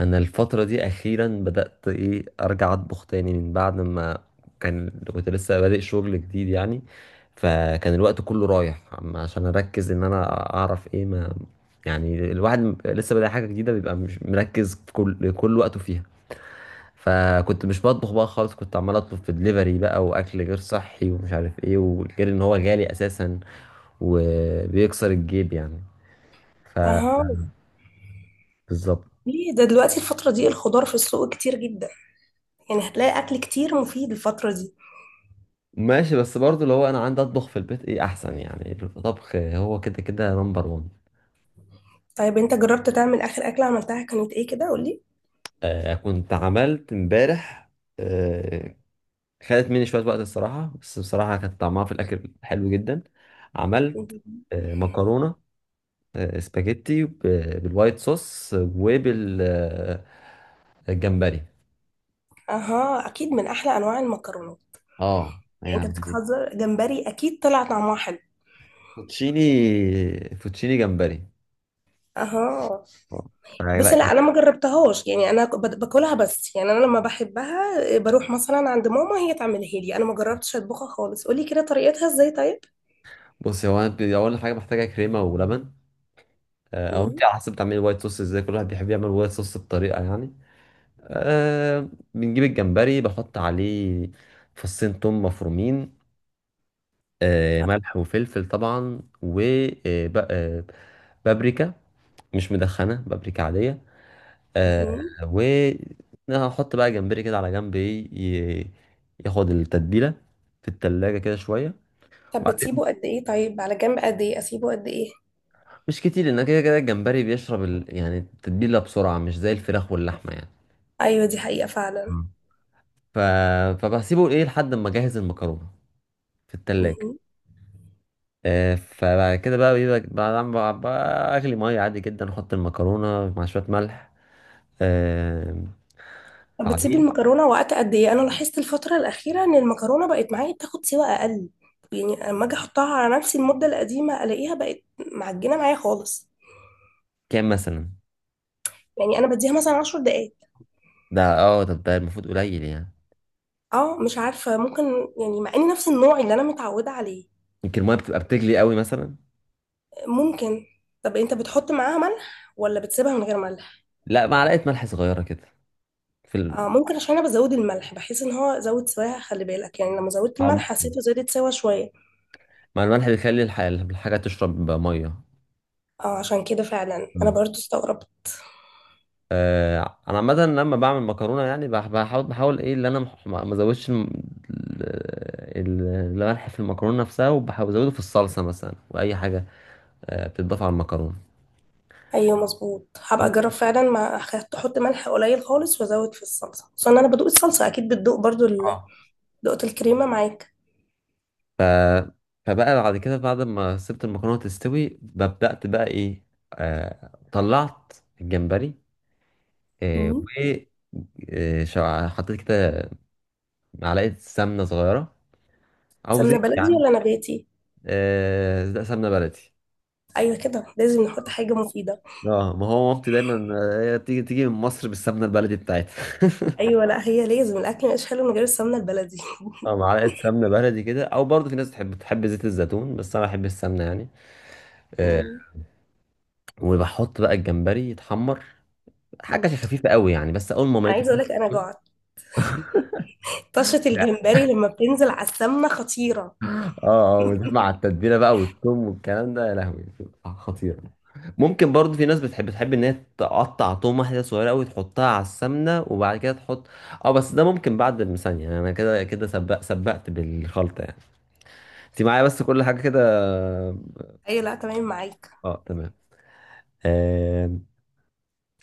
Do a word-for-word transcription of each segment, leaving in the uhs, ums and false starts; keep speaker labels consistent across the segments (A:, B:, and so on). A: انا الفتره دي اخيرا بدات ايه ارجع اطبخ تاني من بعد ما كان كنت لسه بادئ شغل جديد يعني. فكان الوقت كله رايح عم- عشان اركز ان انا اعرف ايه ما. يعني الواحد م- لسه بادئ حاجه جديده بيبقى مش مركز في كل كل وقته فيها. فكنت مش بطبخ بقى خالص، كنت عمال اطلب في دليفري بقى، واكل غير صحي ومش عارف ايه، وغير ان هو غالي اساسا وبيكسر الجيب يعني،
B: اهو.
A: فبالظبط.
B: ليه ده دلوقتي الفترة دي الخضار في السوق كتير جدا؟ يعني هتلاقي اكل كتير مفيد الفترة دي.
A: ماشي، بس برضو اللي هو انا عندي اطبخ في البيت ايه احسن، يعني الطبخ هو كده كده نمبر وان.
B: طيب انت جربت تعمل؟ اخر اكلة عملتها كانت ايه كده؟ قولي.
A: آه، كنت عملت امبارح. آه. خدت مني شوية وقت الصراحة، بس بصراحة كان طعمها في الاكل حلو جدا. عملت آه مكرونة. آه سباجيتي ب- بالوايت صوص وبال آه، الجمبري.
B: اها، اكيد من احلى انواع المكرونات.
A: اه،
B: يعني انت
A: يعني
B: بتهزر جمبري، اكيد طلع طعمها حلو.
A: فوتشيني فوتشيني جمبري.
B: اها.
A: آه.
B: بص،
A: لا، كان-
B: لا انا ما جربتهاش، يعني انا ك- بد- باكلها بس، يعني انا لما بحبها إيه، بروح مثلا عند ماما، هي تعملها لي. انا ما جربتش اطبخها خالص، قولي كده طريقتها ازاي طيب.
A: بص، هو انا ب- اول حاجه محتاجه كريمه ولبن. آه، او
B: مم.
A: انت على حسب بتعملي وايت صوص ازاي، كل واحد بيحب يعمل وايت صوص بطريقه يعني. أه. بنجيب الجمبري، بحط عليه فصين توم مفرومين. أه،
B: أه.
A: ملح وفلفل طبعا و آه، ب- آه، بابريكا، مش مدخنه، بابريكا عاديه. أه.
B: مم.
A: و هحط بقى جمبري كده على جنب، ايه ي- ياخد التتبيله في التلاجة كده شويه.
B: طب
A: وبعدين،
B: بتسيبه قد ايه؟ طيب على جنب قد ايه اسيبه قد ايه؟
A: مش كتير لان كده كده الجمبري بيشرب ال... يعني التتبيله بسرعه، مش زي الفراخ واللحمه.
B: ايوه، دي حقيقة فعلا.
A: يعني ف... فبسيبه ايه لحد ما اجهز المكرونه في التلاجة.
B: مهم.
A: آه، فبعد كده بقى بيبقى بعد ما ب- اغلي ميه عادي جدا، احط المكرونه مع شويه ملح. آه،
B: طب بتسيبي
A: بعدين
B: المكرونة وقت قد ايه؟ انا لاحظت الفترة الأخيرة ان المكرونة بقت معايا بتاخد سوا اقل، يعني اما اجي احطها على نفسي المدة القديمة الاقيها بقت معجنة معايا خالص.
A: كام مثلا؟
B: يعني انا بديها مثلا عشر دقايق.
A: ده اه ده ده المفروض قليل يعني.
B: اه، مش عارفة، ممكن. يعني مع اني نفس النوع اللي انا متعودة عليه.
A: يمكن الميه بتبقى بتغلي قوي مثلا.
B: ممكن. طب انت بتحط معاها ملح ولا بتسيبها من غير ملح؟
A: لا، معلقه ملح صغيره كده في ال...
B: اه، ممكن، عشان انا بزود الملح، بحيث ان هو زود سواها. خلي بالك يعني، لما زودت
A: أو
B: الملح
A: ممكن.
B: حسيته زادت سوا شوية.
A: مع الملح بيخلي الح... الحاجه تشرب ميه.
B: اه، عشان كده فعلا انا برضو استغربت.
A: آه، انا عامه لما بعمل مكرونه يعني بح- بحاول بحاول ايه اللي انا مح- ما ما ازودش الم- ال- الملح في المكرونه نفسها، وبحاول ازوده في الصلصه مثلا، واي حاجه آه، بتضاف على المكرونه.
B: ايوه مظبوط، هبقى اجرب فعلا، ما أخ- احط ملح قليل خالص وازود في الصلصه، اصل انا بدوق الصلصه، اكيد بتدوق برضو ال-
A: اه.
B: دقت الكريمه معاك.
A: ف فبقى بعد كده، بعد ما سبت المكرونه تستوي، بدات بقى ايه آه، طلعت الجمبري. آه،
B: مم.
A: و آه، شع- حطيت كده معلقه سمنه صغيره او
B: سمنه
A: زيت
B: بلدي
A: يعني.
B: ولا نباتي؟
A: آه، ده سمنه بلدي.
B: ايوه كده، لازم نحط حاجه مفيده.
A: اه، ما هو مامتي دايما آه، هي تيجي تيجي من مصر بالسمنه البلدي بتاعتها.
B: ايوه، لا هي لازم، الاكل مش حلو من غير السمنه البلدي.
A: اه، معلقه سمنه بلدي كده، او برضه في ناس تحب تحب زيت الزيتون، بس انا بحب السمنه يعني. آه
B: مم.
A: وبحط بقى الجمبري يتحمر، حاجه خفيفه قوي يعني، بس اول ما
B: انا
A: ميته.
B: عايزه اقول لك، انا جعت. طشه
A: لا.
B: الجمبري لما بتنزل على السمنه خطيره.
A: اه اه، وده مع التتبيله بقى والثوم والكلام ده، يا لهوي بتبقى خطيره. ممكن برضه في ناس بتحب تحب ان هي تقطع توم واحده صغيره قوي تحطها على السمنه، وبعد كده تحط اه، بس ده ممكن بعد المثانيه، يعني انا كده كده سبق سبقت بالخلطه يعني. انت معايا بس كل حاجه كده.
B: ايوه، لا تمام معاك.
A: اه، تمام. آه...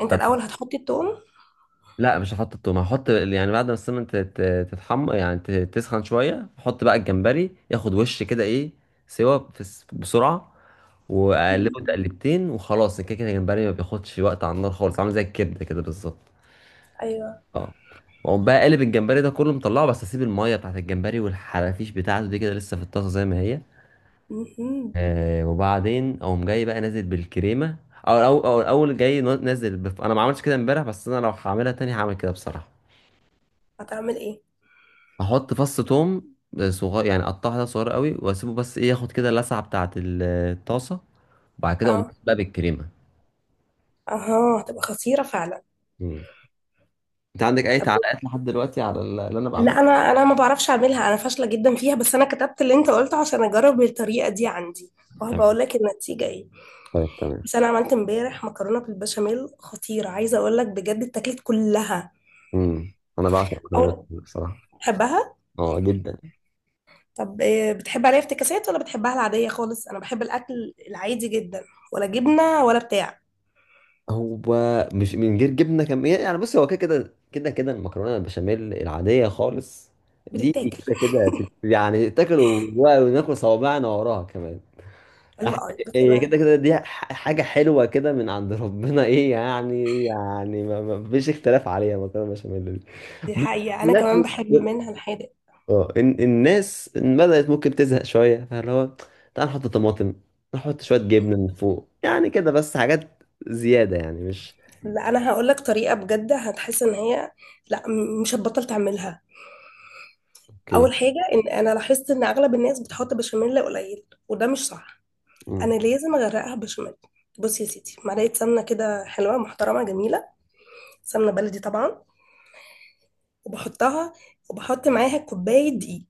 B: انت
A: طب،
B: الاول هتحطي التوم؟
A: لا، مش هحط التوم، هحط يعني بعد ما السمنه تتحمر، يعني ت- تسخن شويه، احط بقى الجمبري ياخد وش كده، ايه سوا في الس- بسرعه، واقلبه
B: مم.
A: تقلبتين وخلاص. كده كده الجمبري ما بياخدش وقت على النار خالص، عامل زي الكبده كده بالظبط.
B: ايوه.
A: اه، واقوم بقى قلب الجمبري ده كله مطلعه، بس اسيب الميه بتاعت الجمبري والحرافيش بتاعته دي كده لسه في الطاسه زي ما هي.
B: مهم.
A: آه وبعدين اقوم جاي بقى نازل بالكريمه، او او او اول جاي نازل بف... انا ما عملتش كده امبارح، بس انا لو هعملها تاني هعمل كده بصراحه.
B: هتعمل ايه؟
A: احط فص توم صغير يعني، اقطعه كده صغير قوي واسيبه، بس ايه ياخد كده اللسعه بتاعه ال- الطاسه، وبعد كده اقوم
B: اه.
A: نازل بقى بالكريمه.
B: اها، هتبقى خطيره فعلا.
A: مم. انت عندك اي تعليقات لحد دلوقتي على ال- اللي انا بعمله؟
B: لا، انا انا ما بعرفش اعملها، انا فاشله جدا فيها، بس انا كتبت اللي انت قلته عشان اجرب الطريقه دي عندي، وهبقى
A: تمام،
B: اقول لك النتيجه ايه.
A: طيب تمام.
B: بس انا عملت امبارح مكرونه بالبشاميل خطيره، عايزه اقول لك بجد اتاكلت كلها.
A: امم انا بعشق المكرونه
B: او.
A: بصراحه.
B: بتحبها؟
A: اه، جدا.
B: طب إيه، بتحب عليها افتكاسات ولا بتحبها العاديه خالص؟ انا بحب الاكل العادي جدا، ولا جبنه ولا بتاع.
A: هو مش من غير جبنه كم يعني يعني بص، هو كده كده كده كده المكرونه البشاميل العاديه خالص دي
B: بتتاكل.
A: كده كده تت- يعني تاكل و- وناكل صوابعنا وراها كمان.
B: حلوه
A: أح-
B: قوي بس
A: هي
B: انا.
A: كده كده دي ح- حاجه حلوه كده من عند ربنا، ايه يعني يعني ما ما فيش اختلاف عليها المكرونه البشاميل دي.
B: دي
A: بس-
B: حقيقه، انا كمان بحب منها الحادق.
A: اه إن- الناس بدأت ممكن تزهق شوية، فاللي هو تعال نحط طماطم، نحط شوية جبنة من فوق، يعني كده بس، حاجات زيادة يعني، مش.
B: لا انا هقول لك طريقه بجد، هتحس ان هي، لا م- مش هتبطل تعملها. اول حاجه، ان انا لاحظت ان اغلب الناس بتحط بشاميل قليل، وده مش صح. انا
A: مم.
B: لازم اغرقها بشاميل. بصي يا سيدي، معلقه سمنه كده حلوه محترمه جميله، سمنه بلدي طبعا، وبحطها، وبحط معاها كوبايه دقيق،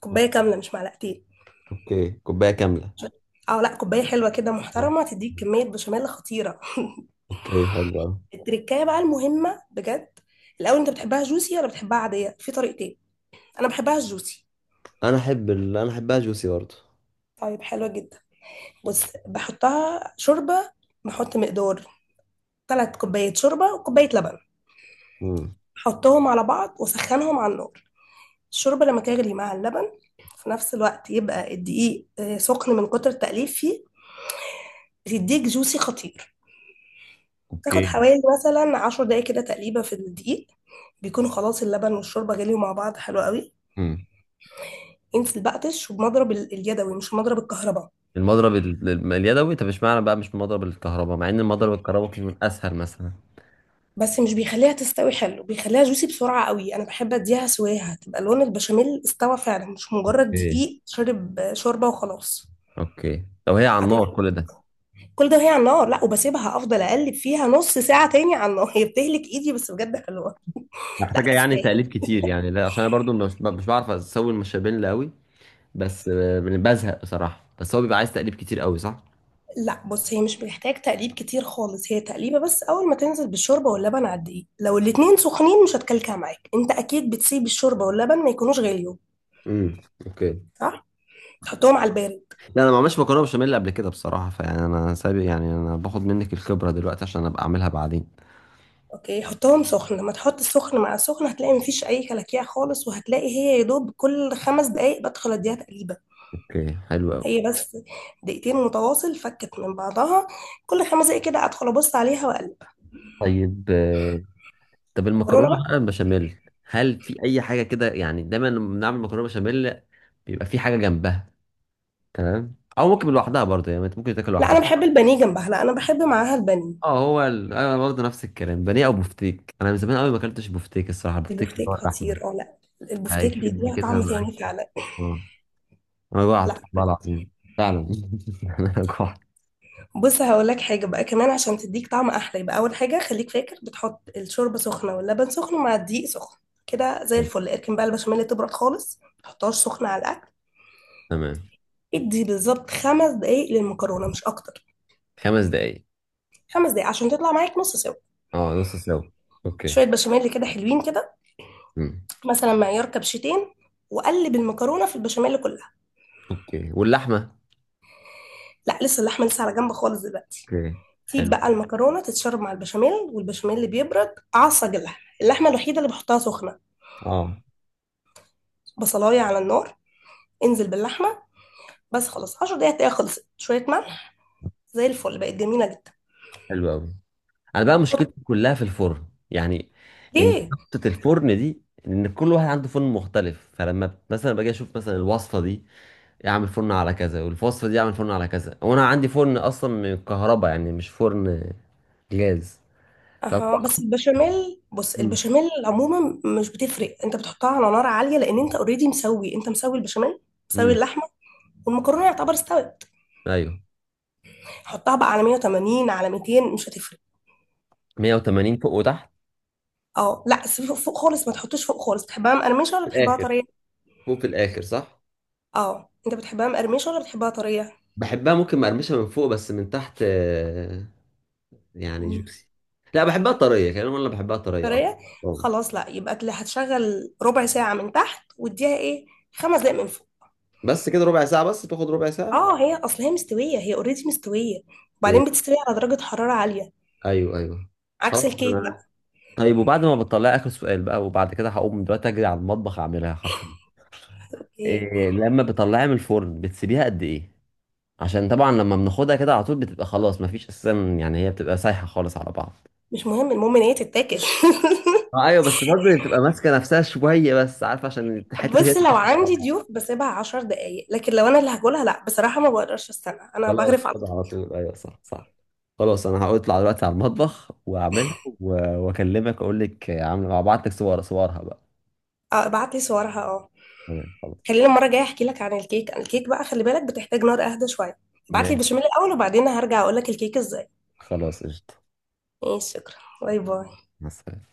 B: كوبايه كامله مش معلقتين.
A: اوكي، كوباية كاملة.
B: اه لا، كوبايه حلوه كده
A: آه.
B: محترمه، تديك كميه بشاميل خطيره.
A: اوكي، حلو أوي.
B: التركايه بقى المهمه بجد. الاول انت بتحبها جوسي ولا بتحبها عاديه؟ في طريقتين، انا بحبها جوسي.
A: انا احب ال... انا احبها جوسي برضه.
B: طيب حلوه جدا. بص، بحطها شوربه. بحط مقدار ثلاث كوبايات شوربة وكوباية لبن.
A: مم.
B: حطهم على بعض وسخنهم على النار. الشوربة لما تغلي مع اللبن في نفس الوقت، يبقى الدقيق آه، سخن من كتر التقليب فيه، بتديك جوسي خطير. تاخد
A: اوكي.
B: حوالي مثلا عشر دقايق كده تقليبة في الدقيق، بيكون خلاص اللبن والشوربة غليوا مع بعض حلو قوي.
A: مم.
B: انزل بقتش، وبمضرب ال- اليدوي، مش مضرب الكهرباء.
A: المضرب ال- ال- اليدوي؟ طب اشمعنى بقى مش مضرب الكهرباء، مع ان المضرب الكهرباء ممكن يكون اسهل مثلا؟
B: بس مش بيخليها تستوي حلو، بيخليها جوسي بسرعة قوي. انا بحب اديها سواها، تبقى لون البشاميل استوى فعلا، مش مجرد
A: اوكي،
B: دقيق شرب آه، شوربة وخلاص.
A: اوكي، لو هي على النار
B: هتفرق.
A: كل ده.
B: كل ده وهي على النار؟ لا، وبسيبها، افضل اقلب فيها نص ساعه تاني على النار. هي بتهلك ايدي، بس بجد حلوه. لا
A: محتاجة يعني
B: تستاهل.
A: تقليب كتير يعني؟ لا عشان انا برضو مش مش بعرف اسوي المشابين لا قوي. بس آه، بزهق بصراحة، بس هو بيبقى عايز تقليب كتير قوي صح؟
B: لا، بص، هي مش محتاج تقليب كتير خالص، هي تقليبه بس اول ما تنزل بالشوربه واللبن على الدقيق لو الاتنين سخنين، مش هتكلكع معاك. انت اكيد بتسيب الشوربه واللبن ما يكونوش غاليين،
A: مم. اوكي.
B: صح؟ تحطهم على البارد؟
A: لا، انا ما عملتش مكرونه بشاميل قبل كده بصراحه، فيعني انا سابق، يعني انا باخد منك الخبره دلوقتي عشان ابقى اعملها بعدين.
B: اوكي، حطهم سخن، لما تحط السخن مع السخن هتلاقي مفيش اي كلاكيع خالص، وهتلاقي هي يا دوب كل خمس دقايق بدخل اديها تقليبه.
A: اوكي حلو قوي.
B: هي بس دقيقتين متواصل فكت من بعضها. كل خمس دقايق كده ادخل ابص عليها واقلب.
A: طيب آه، طب
B: مكرونه
A: المكرونه
B: بقى.
A: بقى البشاميل، هل في اي حاجه كده؟ يعني دايما لما بنعمل مكرونه بشاميل بيبقى في حاجه جنبها. تمام، او ممكن لوحدها برضه، يعني ممكن تاكل
B: لا انا
A: لوحدها.
B: بحب البانيه جنبها، لا انا بحب معاها البانيه.
A: اه، هو ال... انا برضه نفس الكلام، بانيه او بفتيك، انا من زمان قوي ما اكلتش بفتيك الصراحه، بفتيك اللي هو
B: البفتيك
A: اللحمه.
B: خطير، اه لا، البفتيك
A: هيشد
B: بيديها
A: كده
B: طعم
A: معاك.
B: تاني فعلا.
A: اه انا جوعت
B: لا
A: والله العظيم، فعلا. انا جوعت.
B: بص، هقول لك حاجه بقى كمان عشان تديك طعم احلى. يبقى اول حاجه، خليك فاكر بتحط الشوربه سخنه واللبن سخن مع الدقيق سخن، كده زي الفل. اركن بقى البشاميل تبرد خالص، ما تحطهاش سخنه على الاكل.
A: تمام.
B: ادي بالظبط خمس دقايق للمكرونه، مش اكتر.
A: خمس دقايق.
B: خمس دقايق عشان تطلع معاك نص سوا.
A: اه نص سوا. اوكي.
B: شويه بشاميل كده حلوين كده،
A: امم
B: مثلا معيار كبشتين، وقلب المكرونه في البشاميل كلها.
A: اوكي، واللحمه.
B: لا لسه، اللحمه لسه على جنب خالص دلوقتي.
A: اوكي،
B: سيب
A: حلو.
B: بقى المكرونه تتشرب مع البشاميل، والبشاميل اللي بيبرد. اعصج اللحمه، اللحمه الوحيده اللي بحطها سخنه.
A: اه
B: بصلايه على النار، انزل باللحمه بس، خلاص 10 دقايق هتلاقيها خلصت، شويه ملح، زي الفل، بقت جميله جدا.
A: حلو قوي. انا بقى مشكلتي
B: بحط.
A: كلها في الفرن يعني، ان
B: ليه؟
A: نقطه الفرن دي، ان كل واحد عنده فرن مختلف، فلما ب- مثلا باجي اشوف مثلا الوصفه دي اعمل فرن على كذا، والوصفه دي اعمل فرن على كذا، وانا عندي فرن اصلا من الكهرباء يعني، مش فرن جاز. ف
B: اها، بس البشاميل، بص
A: امم
B: البشاميل عموما مش بتفرق، انت بتحطها على نار عاليه، لان انت اوريدي مسوي، انت مسوي البشاميل، مسوي
A: أمم.
B: اللحمه، والمكرونه يعتبر استوت.
A: ايوه،
B: حطها بقى على مئة وثمانين على مئتين، مش هتفرق.
A: مية وتمانين فوق وتحت
B: اه لا، سيب فوق، فوق خالص ما تحطوش فوق خالص. بتحبها مقرمشه
A: في
B: ولا بتحبها
A: الاخر،
B: طريه؟
A: فوق في الاخر صح.
B: اه، انت بتحبها مقرمشه ولا بتحبها طريه؟
A: بحبها ممكن مقرمشه من فوق، بس من تحت آه، يعني
B: مم.
A: جوسي. لا، بحبها طريه كمان، انا بحبها طريه اكتر.
B: طريه.
A: أه.
B: خلاص لا، يبقى تل- هتشغل ربع ساعه من تحت، واديها ايه، خمس دقايق من فوق.
A: بس كده ربع ساعه بس؟ تاخد ربع ساعه؟
B: اه، هي اصل هي مستويه، هي اوريدي مستويه،
A: اوكي.
B: وبعدين بتستوي على درجه حراره عاليه،
A: ايوه، ايوه.
B: عكس
A: خلاص
B: الكيك بقى.
A: انا. طيب، وبعد ما بتطلعي، اخر سؤال بقى وبعد كده هقوم دلوقتي اجري على المطبخ اعملها حرفيا،
B: إيه.
A: إيه لما بتطلعيها من الفرن بتسيبيها قد ايه؟ عشان طبعا لما بناخدها كده على طول بتبقى خلاص مفيش اساسا، يعني هي بتبقى سايحه خالص على بعض.
B: مش مهم، المهم ان هي تتاكل.
A: آه، ايوه، بس برضه بتبقى ماسكه نفسها شويه، بس عارفه عشان الحته دي هي
B: بص،
A: اللي
B: لو
A: بتاخد على
B: عندي
A: بعض.
B: ضيوف بسيبها عشر دقايق، لكن لو انا اللي هاكلها لا، بصراحه ما بقدرش استنى، انا
A: خلاص
B: بغرف على
A: كده
B: طول.
A: على طول. ايوه، صح صح. خلاص، انا هطلع دلوقتي على المطبخ واعملها و- واكلمك اقول لك عامله، هبعت لك صور صورها بقى.
B: اه ابعت لي صورها، اه.
A: تمام، خلاص.
B: خليني المره الجايه احكي لك عن الكيك. الكيك بقى خلي بالك، بتحتاج نار اهدى شويه. ابعت لي
A: ماشي،
B: البشاميل الاول، وبعدين هرجع اقول لك الكيك ازاي.
A: خلاص قشطه.
B: ماشي، شكرا. باي باي.
A: مع السلامه.